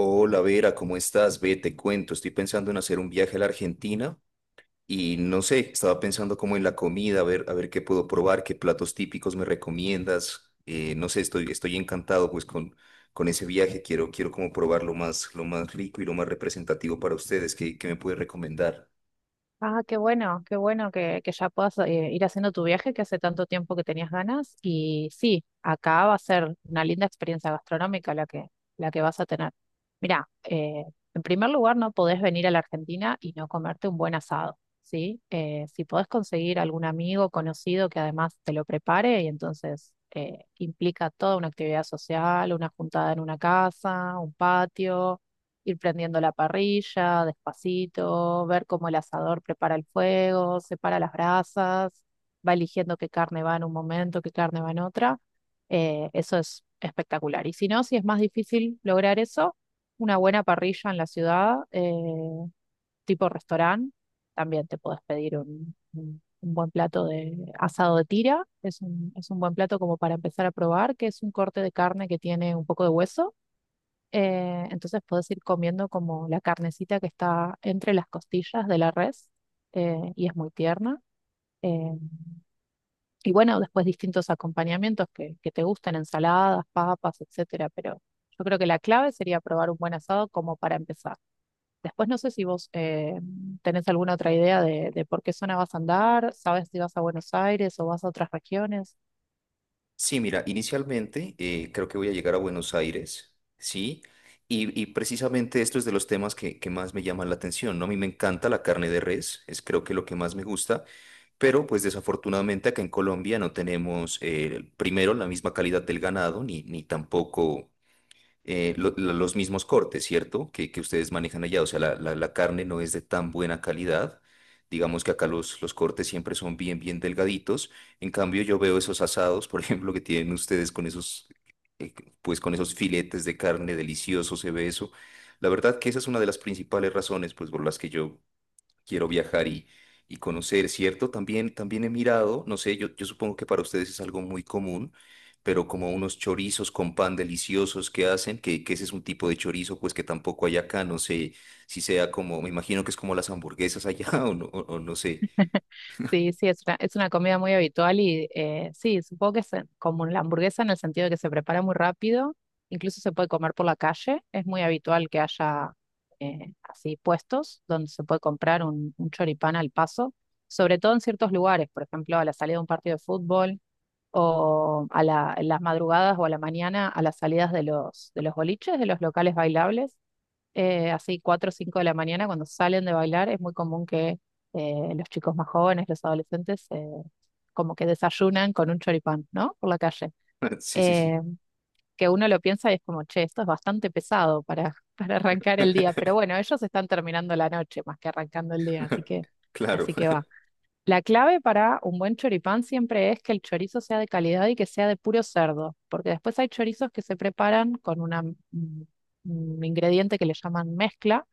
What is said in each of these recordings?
Hola Vera, ¿cómo estás? Ve, te cuento, estoy pensando en hacer un viaje a la Argentina y no sé, estaba pensando como en la comida, a ver qué puedo probar, qué platos típicos me recomiendas. No sé, estoy encantado pues con ese viaje, quiero como probar lo más rico y lo más representativo para ustedes. ¿Qué me puedes recomendar? Ah, qué bueno que ya puedas ir haciendo tu viaje que hace tanto tiempo que tenías ganas. Y sí, acá va a ser una linda experiencia gastronómica la que vas a tener. Mirá, en primer lugar, no podés venir a la Argentina y no comerte un buen asado, ¿sí? Si podés conseguir algún amigo conocido que además te lo prepare y entonces implica toda una actividad social, una juntada en una casa, un patio, ir prendiendo la parrilla despacito, ver cómo el asador prepara el fuego, separa las brasas, va eligiendo qué carne va en un momento, qué carne va en otra. Eso es espectacular. Y si no, si es más difícil lograr eso, una buena parrilla en la ciudad, tipo restaurante, también te puedes pedir un buen plato de asado de tira. Es un buen plato como para empezar a probar, que es un corte de carne que tiene un poco de hueso, entonces puedes ir comiendo como la carnecita que está entre las costillas de la res, y es muy tierna. Eh, y bueno, después distintos acompañamientos que te gusten, ensaladas, papas, etcétera. Pero yo creo que la clave sería probar un buen asado como para empezar. Después no sé si vos tenés alguna otra idea de por qué zona vas a andar, sabes si vas a Buenos Aires o vas a otras regiones. Sí, mira, inicialmente creo que voy a llegar a Buenos Aires, ¿sí? Y precisamente esto es de los temas que más me llaman la atención, ¿no? A mí me encanta la carne de res, es creo que lo que más me gusta, pero pues desafortunadamente acá en Colombia no tenemos primero la misma calidad del ganado, ni tampoco los mismos cortes, ¿cierto? Que ustedes manejan allá. O sea, la carne no es de tan buena calidad. Digamos que acá los cortes siempre son bien, bien delgaditos. En cambio, yo veo esos asados, por ejemplo, que tienen ustedes con esos, eh, pues con esos filetes de carne delicioso, se ve eso. La verdad que esa es una de las principales razones, pues, por las que yo quiero viajar y conocer, ¿cierto? También, también he mirado, no sé, yo supongo que para ustedes es algo muy común, pero como unos chorizos con pan deliciosos que hacen, que ese es un tipo de chorizo, pues que tampoco hay acá, no sé si sea como, me imagino que es como las hamburguesas allá o no, o no sé. Sí, sí, es una comida muy habitual y sí, supongo que es como la hamburguesa, en el sentido de que se prepara muy rápido, incluso se puede comer por la calle, es muy habitual que haya así puestos donde se puede comprar un choripán al paso, sobre todo en ciertos lugares, por ejemplo, a la salida de un partido de fútbol o a la- en las madrugadas o a la mañana a las salidas de los boliches, de los locales bailables, así 4 o 5 de la mañana, cuando salen de bailar, es muy común que los chicos más jóvenes, los adolescentes, como que desayunan con un choripán, ¿no? Por la calle. Sí, sí, Eh, sí. que uno lo piensa y es como, che, esto es bastante pesado para arrancar el día, pero bueno, ellos están terminando la noche más que arrancando el día, así Claro, así que va. La clave para un buen choripán siempre es que el chorizo sea de calidad y que sea de puro cerdo, porque después hay chorizos que se preparan con un ingrediente que le llaman mezcla,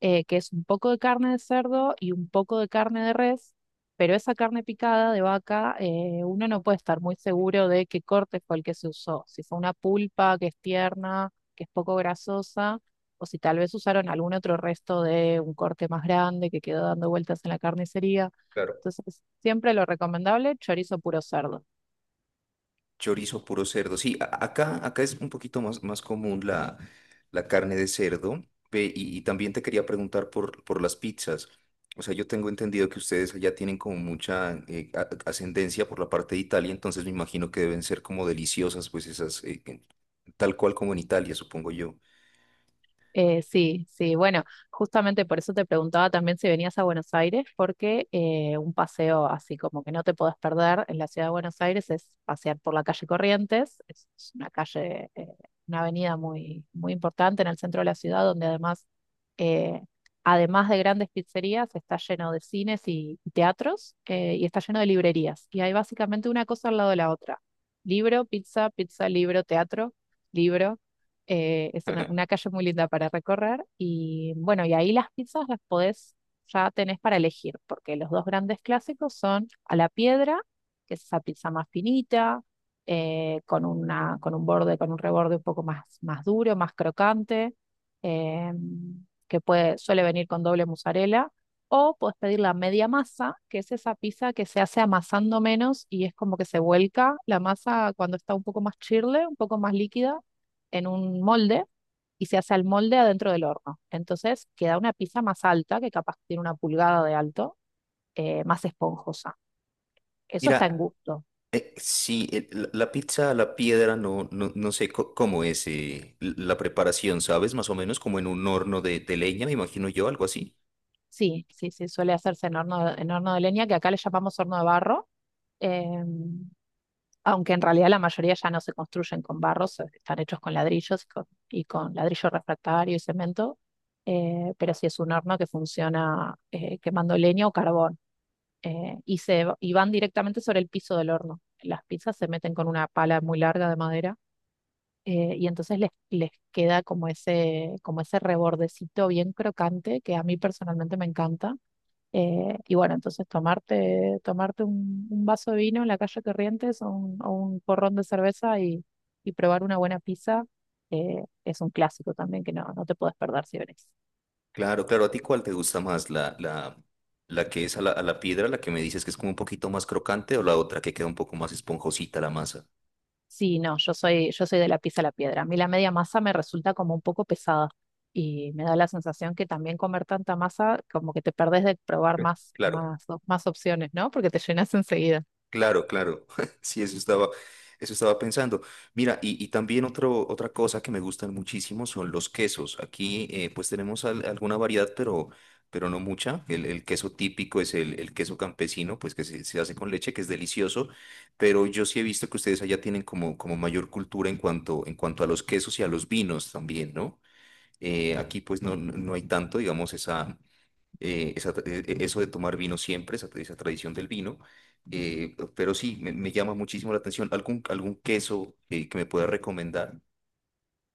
que es un poco de carne de cerdo y un poco de carne de res, pero esa carne picada de vaca, uno no puede estar muy seguro de qué corte fue el que se usó, si fue una pulpa que es tierna, que es poco grasosa, o si tal vez usaron algún otro resto de un corte más grande que quedó dando vueltas en la carnicería. claro. Entonces, siempre lo recomendable, chorizo puro cerdo. Chorizo puro cerdo. Sí, acá acá es un poquito más, más común la carne de cerdo. Ve, y también te quería preguntar por las pizzas. O sea, yo tengo entendido que ustedes allá tienen como mucha ascendencia por la parte de Italia, entonces me imagino que deben ser como deliciosas, pues esas, tal cual como en Italia, supongo yo. Sí, sí, bueno, justamente por eso te preguntaba también si venías a Buenos Aires, porque un paseo así como que no te podés perder en la ciudad de Buenos Aires es pasear por la calle Corrientes, es una calle, una avenida muy, muy importante en el centro de la ciudad, donde además, eh, además de grandes pizzerías, está lleno de cines y teatros, y está lleno de librerías, y hay básicamente una cosa al lado de la otra: libro, pizza, pizza, libro, teatro, libro. Es una calle muy linda para recorrer y bueno, y ahí las pizzas ya tenés para elegir, porque los dos grandes clásicos son a la piedra, que es esa pizza más finita, con una, con un borde, con un reborde un poco más, más duro, más crocante, eh, que puede, suele venir con doble mozzarella, o podés pedir la media masa, que es esa pizza que se hace amasando menos y es como que se vuelca la masa cuando está un poco más chirle, un poco más líquida en un molde y se hace al molde adentro del horno. Entonces queda una pizza más alta, que capaz tiene una pulgada de alto, más esponjosa. Eso está en Mira, gusto. Sí, la pizza a la piedra no, no, no sé cómo es la preparación, ¿sabes? Más o menos como en un horno de leña, me imagino yo, algo así. Sí, sí, sí, suele hacerse en horno en horno de leña, que acá le llamamos horno de barro, eh, aunque en realidad la mayoría ya no se construyen con barro, se- están hechos con ladrillos y con ladrillo refractario y cemento, pero sí es un horno que funciona quemando leña o carbón. Y van directamente sobre el piso del horno. Las pizzas se meten con una pala muy larga de madera, y entonces les queda como ese rebordecito bien crocante que a mí personalmente me encanta. Y bueno, entonces tomarte un vaso de vino en la calle Corrientes o un porrón de cerveza y probar una buena pizza, es un clásico también que no, no te puedes perder si venís. Claro, claro. ¿A ti cuál te gusta más? La que es a a la piedra, la que me dices que es como un poquito más crocante o la otra que queda un poco más esponjosita la masa? Sí, no, yo soy de la pizza a la piedra. A mí la media masa me resulta como un poco pesada y me da la sensación que también comer tanta masa, como que te perdés de probar Eh, más, Claro. Más opciones, ¿no? Porque te llenas enseguida. Claro, claro. Sí, eso estaba pensando. Mira, y también otra cosa que me gustan muchísimo son los quesos. Aquí pues tenemos alguna variedad, pero no mucha. El queso típico es el queso campesino, pues que se hace con leche, que es delicioso. Pero yo sí he visto que ustedes allá tienen como, como mayor cultura en cuanto a los quesos y a los vinos también, ¿no? Aquí pues no, no no hay tanto, digamos, esa esa tra- e- e- eso de tomar vino siempre, esa tradición del vino. Eh, pero sí, me llama muchísimo la atención. ¿Algún, algún queso que me pueda recomendar?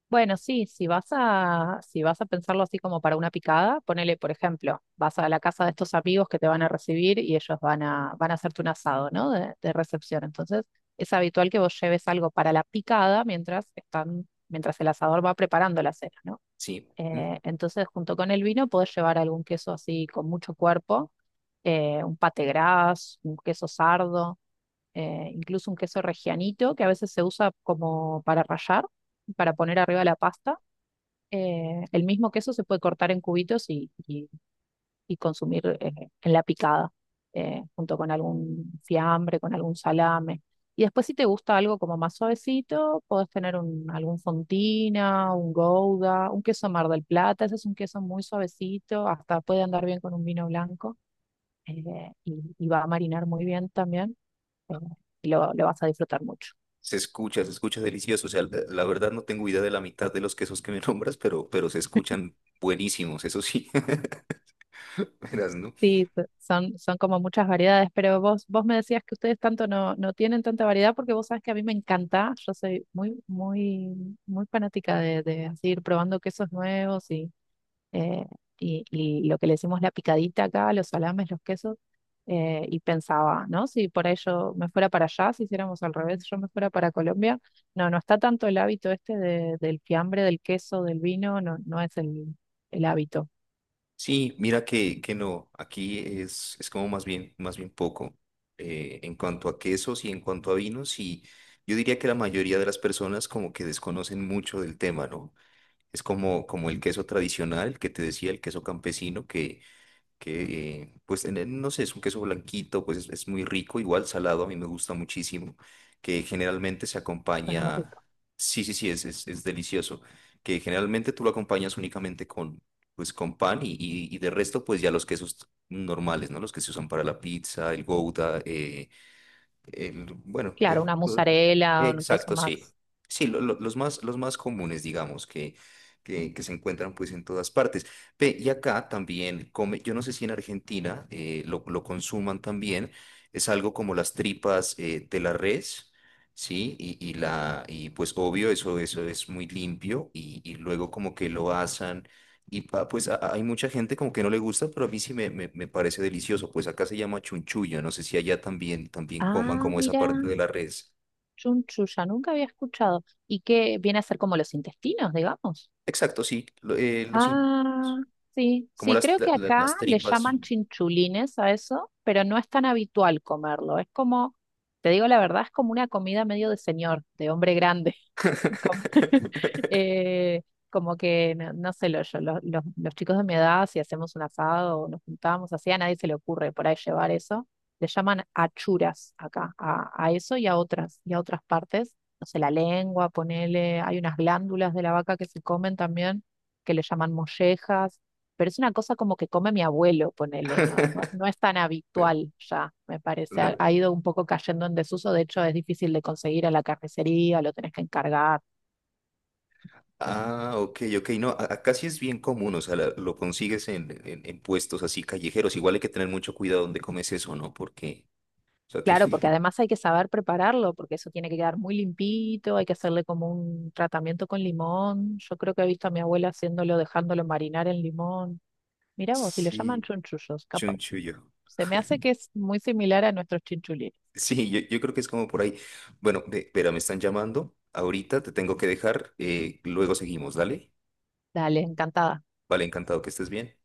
Bueno, sí, si vas a pensarlo así como para una picada, ponele, por ejemplo, vas a la casa de estos amigos que te van a recibir y ellos van a hacerte un asado, ¿no? De recepción. Entonces, es habitual que vos lleves algo para la picada mientras están, mientras el asador va preparando la cena, ¿no? Sí. ¿Mm? Entonces, junto con el vino, podés llevar algún queso así con mucho cuerpo, un pate gras, un queso sardo, incluso un queso regianito que a veces se usa como para rallar, para poner arriba la pasta. El mismo queso se puede cortar en cubitos y, y consumir en la picada, junto con algún fiambre, con algún salame. Y después si te gusta algo como más suavecito, podés tener algún fontina, un gouda, un queso Mar del Plata, ese es un queso muy suavecito, hasta puede andar bien con un vino blanco, y va a marinar muy bien también, eh, lo vas a disfrutar mucho. Se escucha delicioso. O sea, la verdad no tengo idea de la mitad de los quesos que me nombras, pero se escuchan buenísimos, eso sí. Verás, ¿no? Sí, son como muchas variedades, pero vos me decías que ustedes tanto no, no tienen tanta variedad porque vos sabes que a mí me encanta, yo soy muy, muy, muy fanática de así ir probando quesos nuevos y, eh, y lo que le decimos la picadita acá, los salames, los quesos, y pensaba, ¿no? Si por ahí yo me fuera para allá, si hiciéramos al revés, yo me fuera para Colombia, no, no está tanto el hábito este de- del fiambre, del queso, del vino, no, no es el hábito, Sí, mira que no, aquí es como más bien poco en cuanto a quesos y en cuanto a vinos y yo diría que la mayoría de las personas como que desconocen mucho del tema, ¿no? Es como, como el queso tradicional que te decía, el queso campesino, que pues no sé, es un queso blanquito, pues es muy rico, igual salado, a mí me gusta muchísimo, que generalmente se suena más acompaña, rico. sí, sí, sí, es delicioso, que generalmente tú lo acompañas únicamente con, pues con pan y de resto pues ya los quesos normales, ¿no? Los que se usan para la pizza, el gouda, bueno, Claro, una mozzarella, un queso exacto, sí. más. Sí, los más comunes, digamos, que se encuentran pues en todas partes. Ve, y acá también come, yo no sé si en Argentina lo consuman también, es algo como las tripas de la res, ¿sí? Y pues obvio, eso es muy limpio y luego como que lo asan y hay mucha gente como que no le gusta, pero a mí sí me parece delicioso. Pues acá se llama chunchullo. No sé si allá también, también coman Ah, como esa mira, parte de la res. chunchulla, nunca había escuchado. ¿Y qué viene a ser como los intestinos, digamos? Exacto, sí. Ah, sí, como sí, las, creo que acá las le tripas. llaman chinchulines a eso, pero no es tan habitual comerlo. Es como, te digo la verdad, es como una comida medio de señor, de hombre grande. Como, eh, como que, no, no sé, lo- yo, lo- los chicos de mi edad, si hacemos un asado o nos juntamos así, a nadie se le ocurre por ahí llevar eso. Le llaman achuras acá, a eso y a otras partes. No sé, la lengua, ponele, hay unas glándulas de la vaca que se comen también, que le llaman mollejas, pero es una cosa como que come mi abuelo, ponele, no, no, no es tan habitual ya, me parece. Claro. Ha ido un poco cayendo en desuso, de hecho es difícil de conseguir a la carnicería, lo tenés que encargar. Ah, ok, ok. No, acá sí es bien común. O sea, lo consigues en puestos así callejeros. Igual hay que tener mucho cuidado donde comes eso, ¿no? Porque, o sea, tiene... Claro, porque además hay que saber prepararlo, porque eso tiene que quedar muy limpito, hay que hacerle como un tratamiento con limón. Yo creo que he visto a mi abuela haciéndolo, dejándolo marinar en limón. Mirá vos, si le llaman Sí, chunchullos, capaz. chunchullo. Se me hace que es muy similar a nuestros chinchulines. Sí, yo creo que es como por ahí. Bueno, espera, me están llamando. Ahorita te tengo que dejar. Eh, luego seguimos, dale. Dale, encantada. Vale, encantado que estés bien.